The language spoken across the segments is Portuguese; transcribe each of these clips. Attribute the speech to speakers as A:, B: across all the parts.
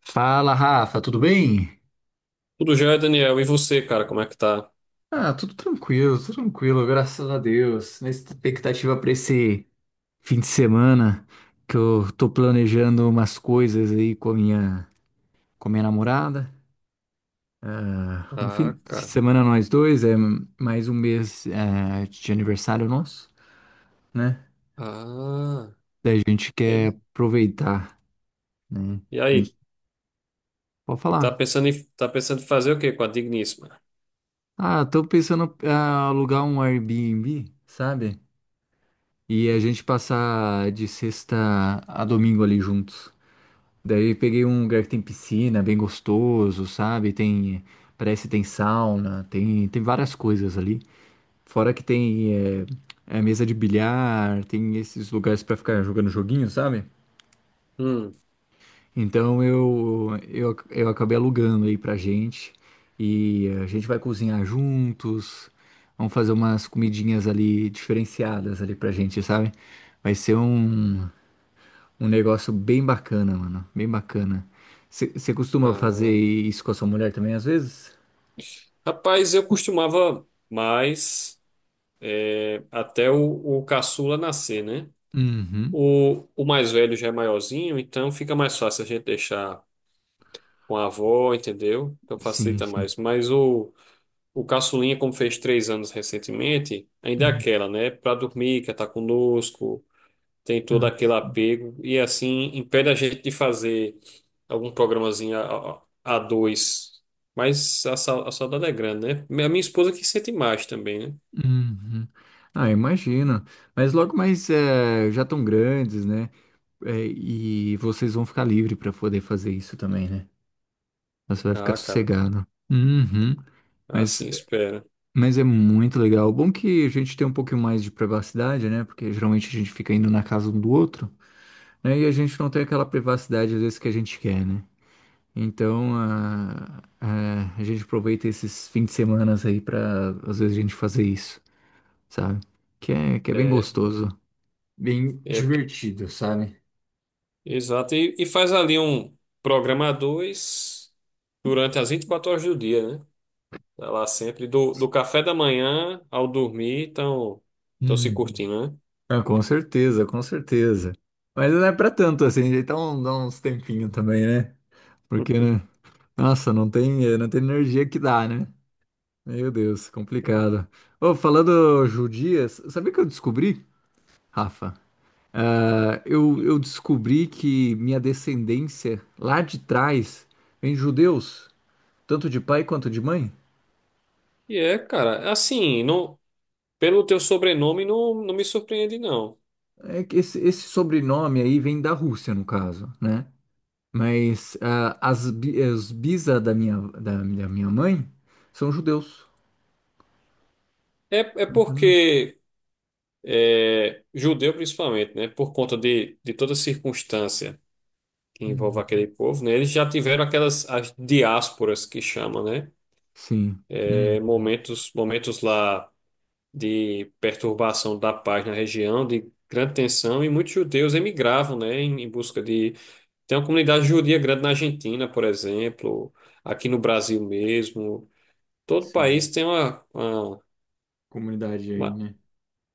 A: Fala, Rafa, tudo bem?
B: Tudo já é, Daniel. E você, cara, como é que tá?
A: Ah, tudo tranquilo, graças a Deus. Na expectativa para esse fim de semana, que eu tô planejando umas coisas aí com a minha namorada. Ah, um fim
B: Ah,
A: de
B: cara.
A: semana nós dois, é mais um mês de aniversário nosso, né?
B: Ah.
A: Daí a gente
B: E,
A: quer aproveitar, né?
B: e
A: A
B: aí?
A: gente pode falar.
B: Tá pensando em fazer o quê com a digníssima?
A: Ah, tô pensando em alugar um Airbnb, sabe? E a gente passar de sexta a domingo ali juntos. Daí peguei um lugar que tem piscina, bem gostoso, sabe? Tem, parece que tem sauna, tem várias coisas ali. Fora que tem mesa de bilhar, tem esses lugares pra ficar jogando joguinho, sabe?
B: Hum.
A: Então eu acabei alugando aí pra gente e a gente vai cozinhar juntos, vamos fazer umas comidinhas ali diferenciadas ali pra gente, sabe? Vai ser um, um negócio bem bacana, mano. Bem bacana. Você costuma fazer
B: Ah.
A: isso com a sua mulher também, às vezes?
B: Rapaz, eu costumava mais é, até o caçula nascer, né?
A: Uhum.
B: O mais velho já é maiorzinho, então fica mais fácil a gente deixar com a avó, entendeu? Então
A: Sim,
B: facilita
A: sim.
B: mais. Mas o caçulinha, como fez três anos recentemente, ainda é
A: Uhum.
B: aquela, né? Pra dormir, quer estar conosco. Tem todo
A: Ah,
B: aquele apego e assim impede a gente de fazer algum programazinho a, a dois. Mas a, a saudade é grande, né? A minha esposa que sente mais também, né?
A: uhum. Ah, imagino. Mas logo mais já estão grandes, né? Eh, e vocês vão ficar livre para poder fazer isso também, né? Então você vai ficar
B: Ah, cara,
A: sossegado. Uhum. Mas,
B: assim espera.
A: mas é muito legal. Bom que a gente tem um pouquinho mais de privacidade, né? Porque geralmente a gente fica indo na casa um do outro, né? E a gente não tem aquela privacidade às vezes que a gente quer, né? Então a gente aproveita esses fins de semana aí pra às vezes a gente fazer isso, sabe? Que é bem
B: É,
A: gostoso, bem
B: é porque-
A: divertido, sabe?
B: exato. E faz ali um programa a dois durante as 24 horas do dia, né? Tá lá sempre, do, do café da manhã ao dormir, estão se
A: Uhum.
B: curtindo, né?
A: Ah, com certeza, com certeza. Mas não é pra tanto assim, então dá uns tempinhos também, né? Porque, né? Nossa, não tem, não tem energia que dá, né? Meu Deus, complicado. Ô, falando judias, sabia que eu descobri, Rafa? Ah, eu descobri que minha descendência lá de trás vem de judeus, tanto de pai quanto de mãe.
B: E é, cara, assim, não. Pelo teu sobrenome, não, não me surpreende, não.
A: É que esse sobrenome aí vem da Rússia, no caso, né? Mas ah, as, bi- os bisa da minha mãe são judeus.
B: É, é
A: Uhum.
B: porque é, judeu, principalmente, né? Por conta de toda circunstância que envolve
A: Uhum.
B: aquele povo, né? Eles já tiveram aquelas as diásporas que chamam, né?
A: Sim.
B: É,
A: Uhum.
B: momentos, momentos lá de perturbação da paz na região, de grande tensão, e muitos judeus emigravam, né? Em, em busca de. Tem uma comunidade judia grande na Argentina, por exemplo, aqui no Brasil mesmo. Todo
A: Sim.
B: país tem
A: Comunidade aí,
B: uma...
A: né?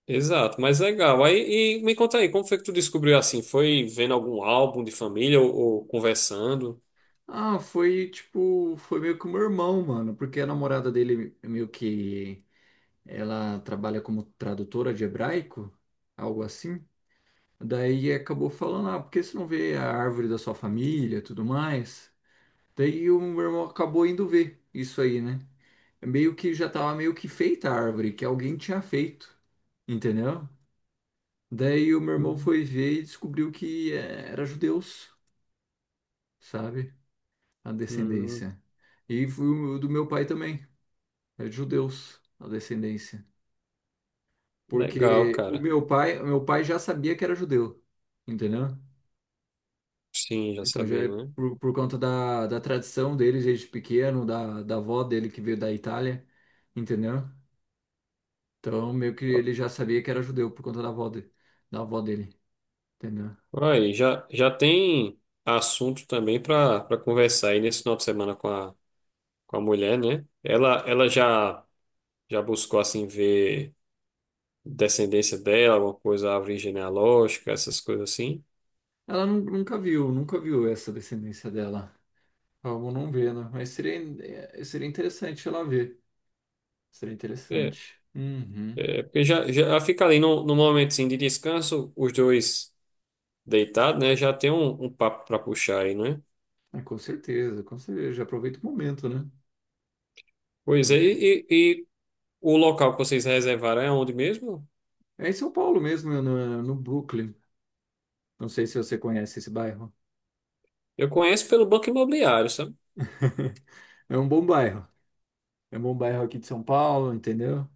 B: Exato, mas legal. Aí, e me conta aí, como foi que tu descobriu assim? Foi vendo algum álbum de família ou conversando?
A: Ah, foi tipo, foi meio que o meu irmão, mano, porque a namorada dele meio que ela trabalha como tradutora de hebraico, algo assim. Daí acabou falando, ah, por que você não vê a árvore da sua família, e tudo mais? Daí o meu irmão acabou indo ver isso aí, né? Meio que já tava meio que feita a árvore, que alguém tinha feito, entendeu? Daí o meu irmão
B: Hum,
A: foi ver e descobriu que era judeus, sabe? A
B: hum,
A: descendência. E foi o do meu pai também, é de judeus, a descendência.
B: legal,
A: Porque o
B: cara.
A: meu pai, o meu pai já sabia que era judeu, entendeu?
B: Sim, já
A: Então já
B: sabia,
A: é
B: né?
A: por conta da, da tradição dele desde pequeno, da, da avó dele que veio da Itália, entendeu? Então meio que ele já sabia que era judeu por conta da avó, de, da avó dele, entendeu?
B: Aí, já, já tem assunto também para para conversar aí nesse final de semana com a mulher, né? Ela já, já buscou assim ver descendência dela, alguma coisa, árvore genealógica, essas coisas assim.
A: Ela nu- nunca viu, nunca viu essa descendência dela. Vamos não ver, né? Mas seria, é, seria interessante ela ver. Seria
B: É,
A: interessante. Uhum.
B: é porque já, já fica ali num, num momento assim, de descanso, os dois. Deitado, né? Já tem um, um papo para puxar aí, né?
A: É, com certeza, com certeza. Já aproveita o momento, né?
B: Pois é,
A: Aproveita
B: e o local que vocês reservaram é onde mesmo?
A: é em São Paulo mesmo, no, no Brooklyn. Não sei se você conhece esse bairro.
B: Eu conheço pelo Banco Imobiliário, sabe?
A: É um bom bairro. É um bom bairro aqui de São Paulo, entendeu?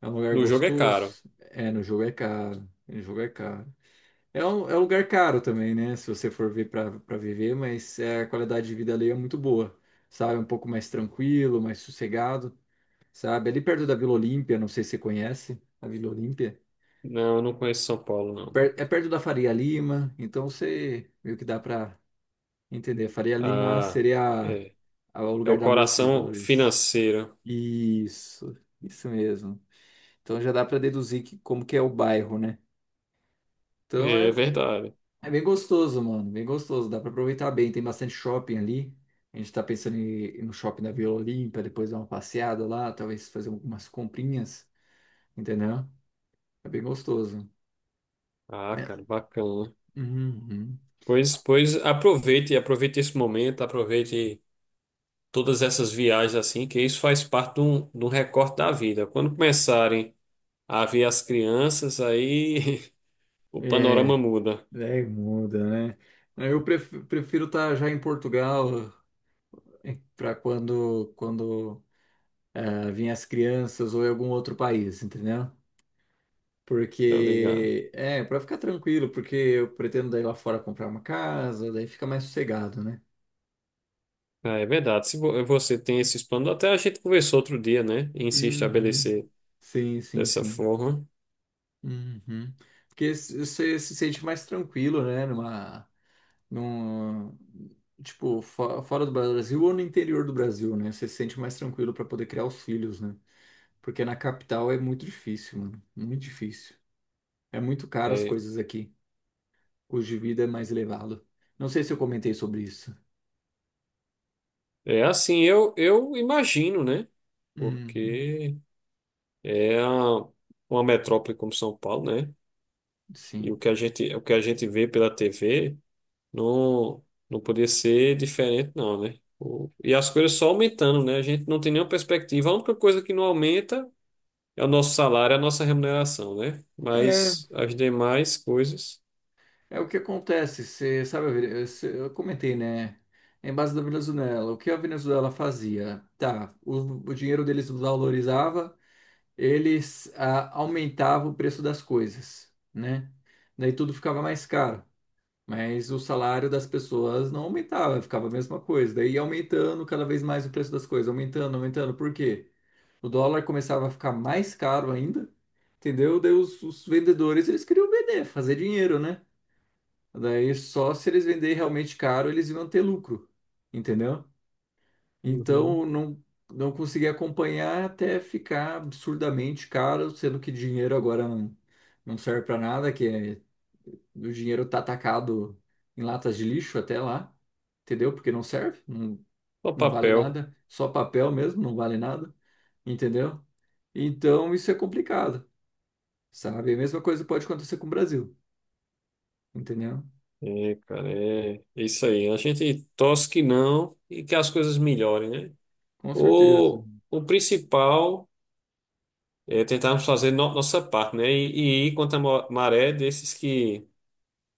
A: É um lugar
B: No jogo é caro.
A: gostoso. É, no jogo é caro. No jogo é caro. É um lugar caro também, né? Se você for ver para viver, mas é, a qualidade de vida ali é muito boa, sabe? Um pouco mais tranquilo, mais sossegado, sabe? Ali perto da Vila Olímpia, não sei se você conhece a Vila Olímpia.
B: Não, eu não conheço São Paulo, não.
A: Per- é perto da Faria Lima, então você meio que dá para entender. A Faria Lima
B: Ah,
A: seria
B: é.
A: a- o
B: É o
A: lugar da Bolsa de
B: coração
A: Valores.
B: financeiro.
A: Isso, isso mesmo. Então já dá para deduzir que, como que é o bairro, né? Então
B: É é
A: é,
B: verdade.
A: é bem gostoso, mano. Bem gostoso. Dá para aproveitar bem. Tem bastante shopping ali. A gente tá pensando em ir no shopping da Vila Olímpia, depois dar uma passeada lá, talvez fazer algumas comprinhas, entendeu? É bem gostoso.
B: Ah,
A: É,
B: cara, bacana.
A: uhum.
B: Pois, pois aproveite, aproveite esse momento, aproveite todas essas viagens assim, que isso faz parte de um recorte da vida. Quando começarem a ver as crianças, aí o panorama
A: É,
B: muda,
A: daí muda, né? Eu pref- prefiro estar já em Portugal, para quando ah, vinha as crianças ou em algum outro país, entendeu?
B: tá ligado?
A: Porque é para ficar tranquilo, porque eu pretendo daí lá fora comprar uma casa, daí fica mais sossegado, né?
B: Ah, é verdade. Se você tem esses planos, até a gente conversou outro dia, né? Em se
A: Uhum.
B: estabelecer
A: Sim, sim,
B: dessa
A: sim.
B: forma.
A: Uhum. Porque se- você se sente mais tranquilo, né? Numa, num, tipo, fo- fora do Brasil ou no interior do Brasil, né? Você se sente mais tranquilo para poder criar os filhos, né? Porque na capital é muito difícil, mano. Muito difícil. É muito caro as
B: É,
A: coisas aqui. O custo de vida é mais elevado. Não sei se eu comentei sobre isso.
B: é assim, eu imagino, né?
A: Uhum,
B: Porque é uma metrópole como São Paulo, né? E
A: sim.
B: o que a gente, o que a gente vê pela TV não, não podia ser diferente, não, né? E as coisas só aumentando, né? A gente não tem nenhuma perspectiva. A única coisa que não aumenta é o nosso salário, é a nossa remuneração, né?
A: É,
B: Mas as demais coisas,
A: é o que acontece. Você sabe, a Vene- cê- eu comentei, né? Em base da Venezuela, o que a Venezuela fazia? Tá, o dinheiro deles valorizava, eles ah, aumentavam o preço das coisas, né? Daí tudo ficava mais caro, mas o salário das pessoas não aumentava, ficava a mesma coisa. Daí ia aumentando cada vez mais o preço das coisas, aumentando, aumentando. Por quê? O dólar começava a ficar mais caro ainda, entendeu? Daí os vendedores, eles queriam vender, fazer dinheiro, né? Daí só se eles venderem realmente caro, eles iam ter lucro, entendeu?
B: uhum.
A: Então não, não consegui acompanhar até ficar absurdamente caro, sendo que dinheiro agora não, não serve para nada, que é, o dinheiro tá atacado em latas de lixo até lá, entendeu? Porque não serve, não,
B: Só
A: não vale
B: papel.
A: nada, só papel mesmo, não vale nada, entendeu? Então isso é complicado, sabe? A mesma coisa pode acontecer com o Brasil, entendeu?
B: É, cara, é é isso aí. A gente torce que não e que as coisas melhorem, né?
A: Com certeza,
B: O principal é tentarmos fazer nossa parte, né? E ir contra a maré desses que,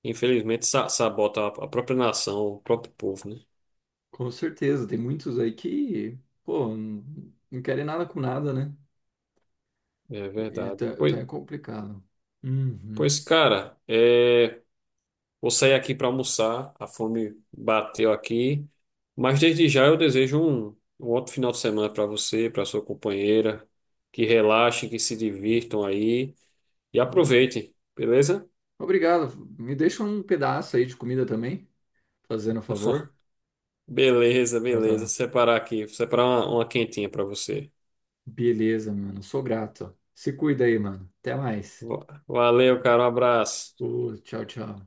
B: infelizmente, sabotam a própria nação, o próprio povo, né?
A: com certeza. Tem muitos aí que, pô, não, não querem nada com nada, né?
B: É verdade.
A: Então, então
B: Pois,
A: é complicado. Uhum.
B: pois cara, é. Vou sair aqui para almoçar, a fome bateu aqui. Mas desde já eu desejo um, um ótimo final de semana para você, para sua companheira. Que relaxem, que se divirtam aí e
A: Obrigado.
B: aproveitem, beleza?
A: Obrigado. Me deixa um pedaço aí de comida também, fazendo um favor.
B: Beleza,
A: Ah,
B: beleza.
A: tá.
B: Separar aqui, separar uma quentinha para você.
A: Beleza, mano. Sou grato. Se cuida aí, mano. Até mais.
B: Valeu, cara, um abraço.
A: Ô, tchau, tchau.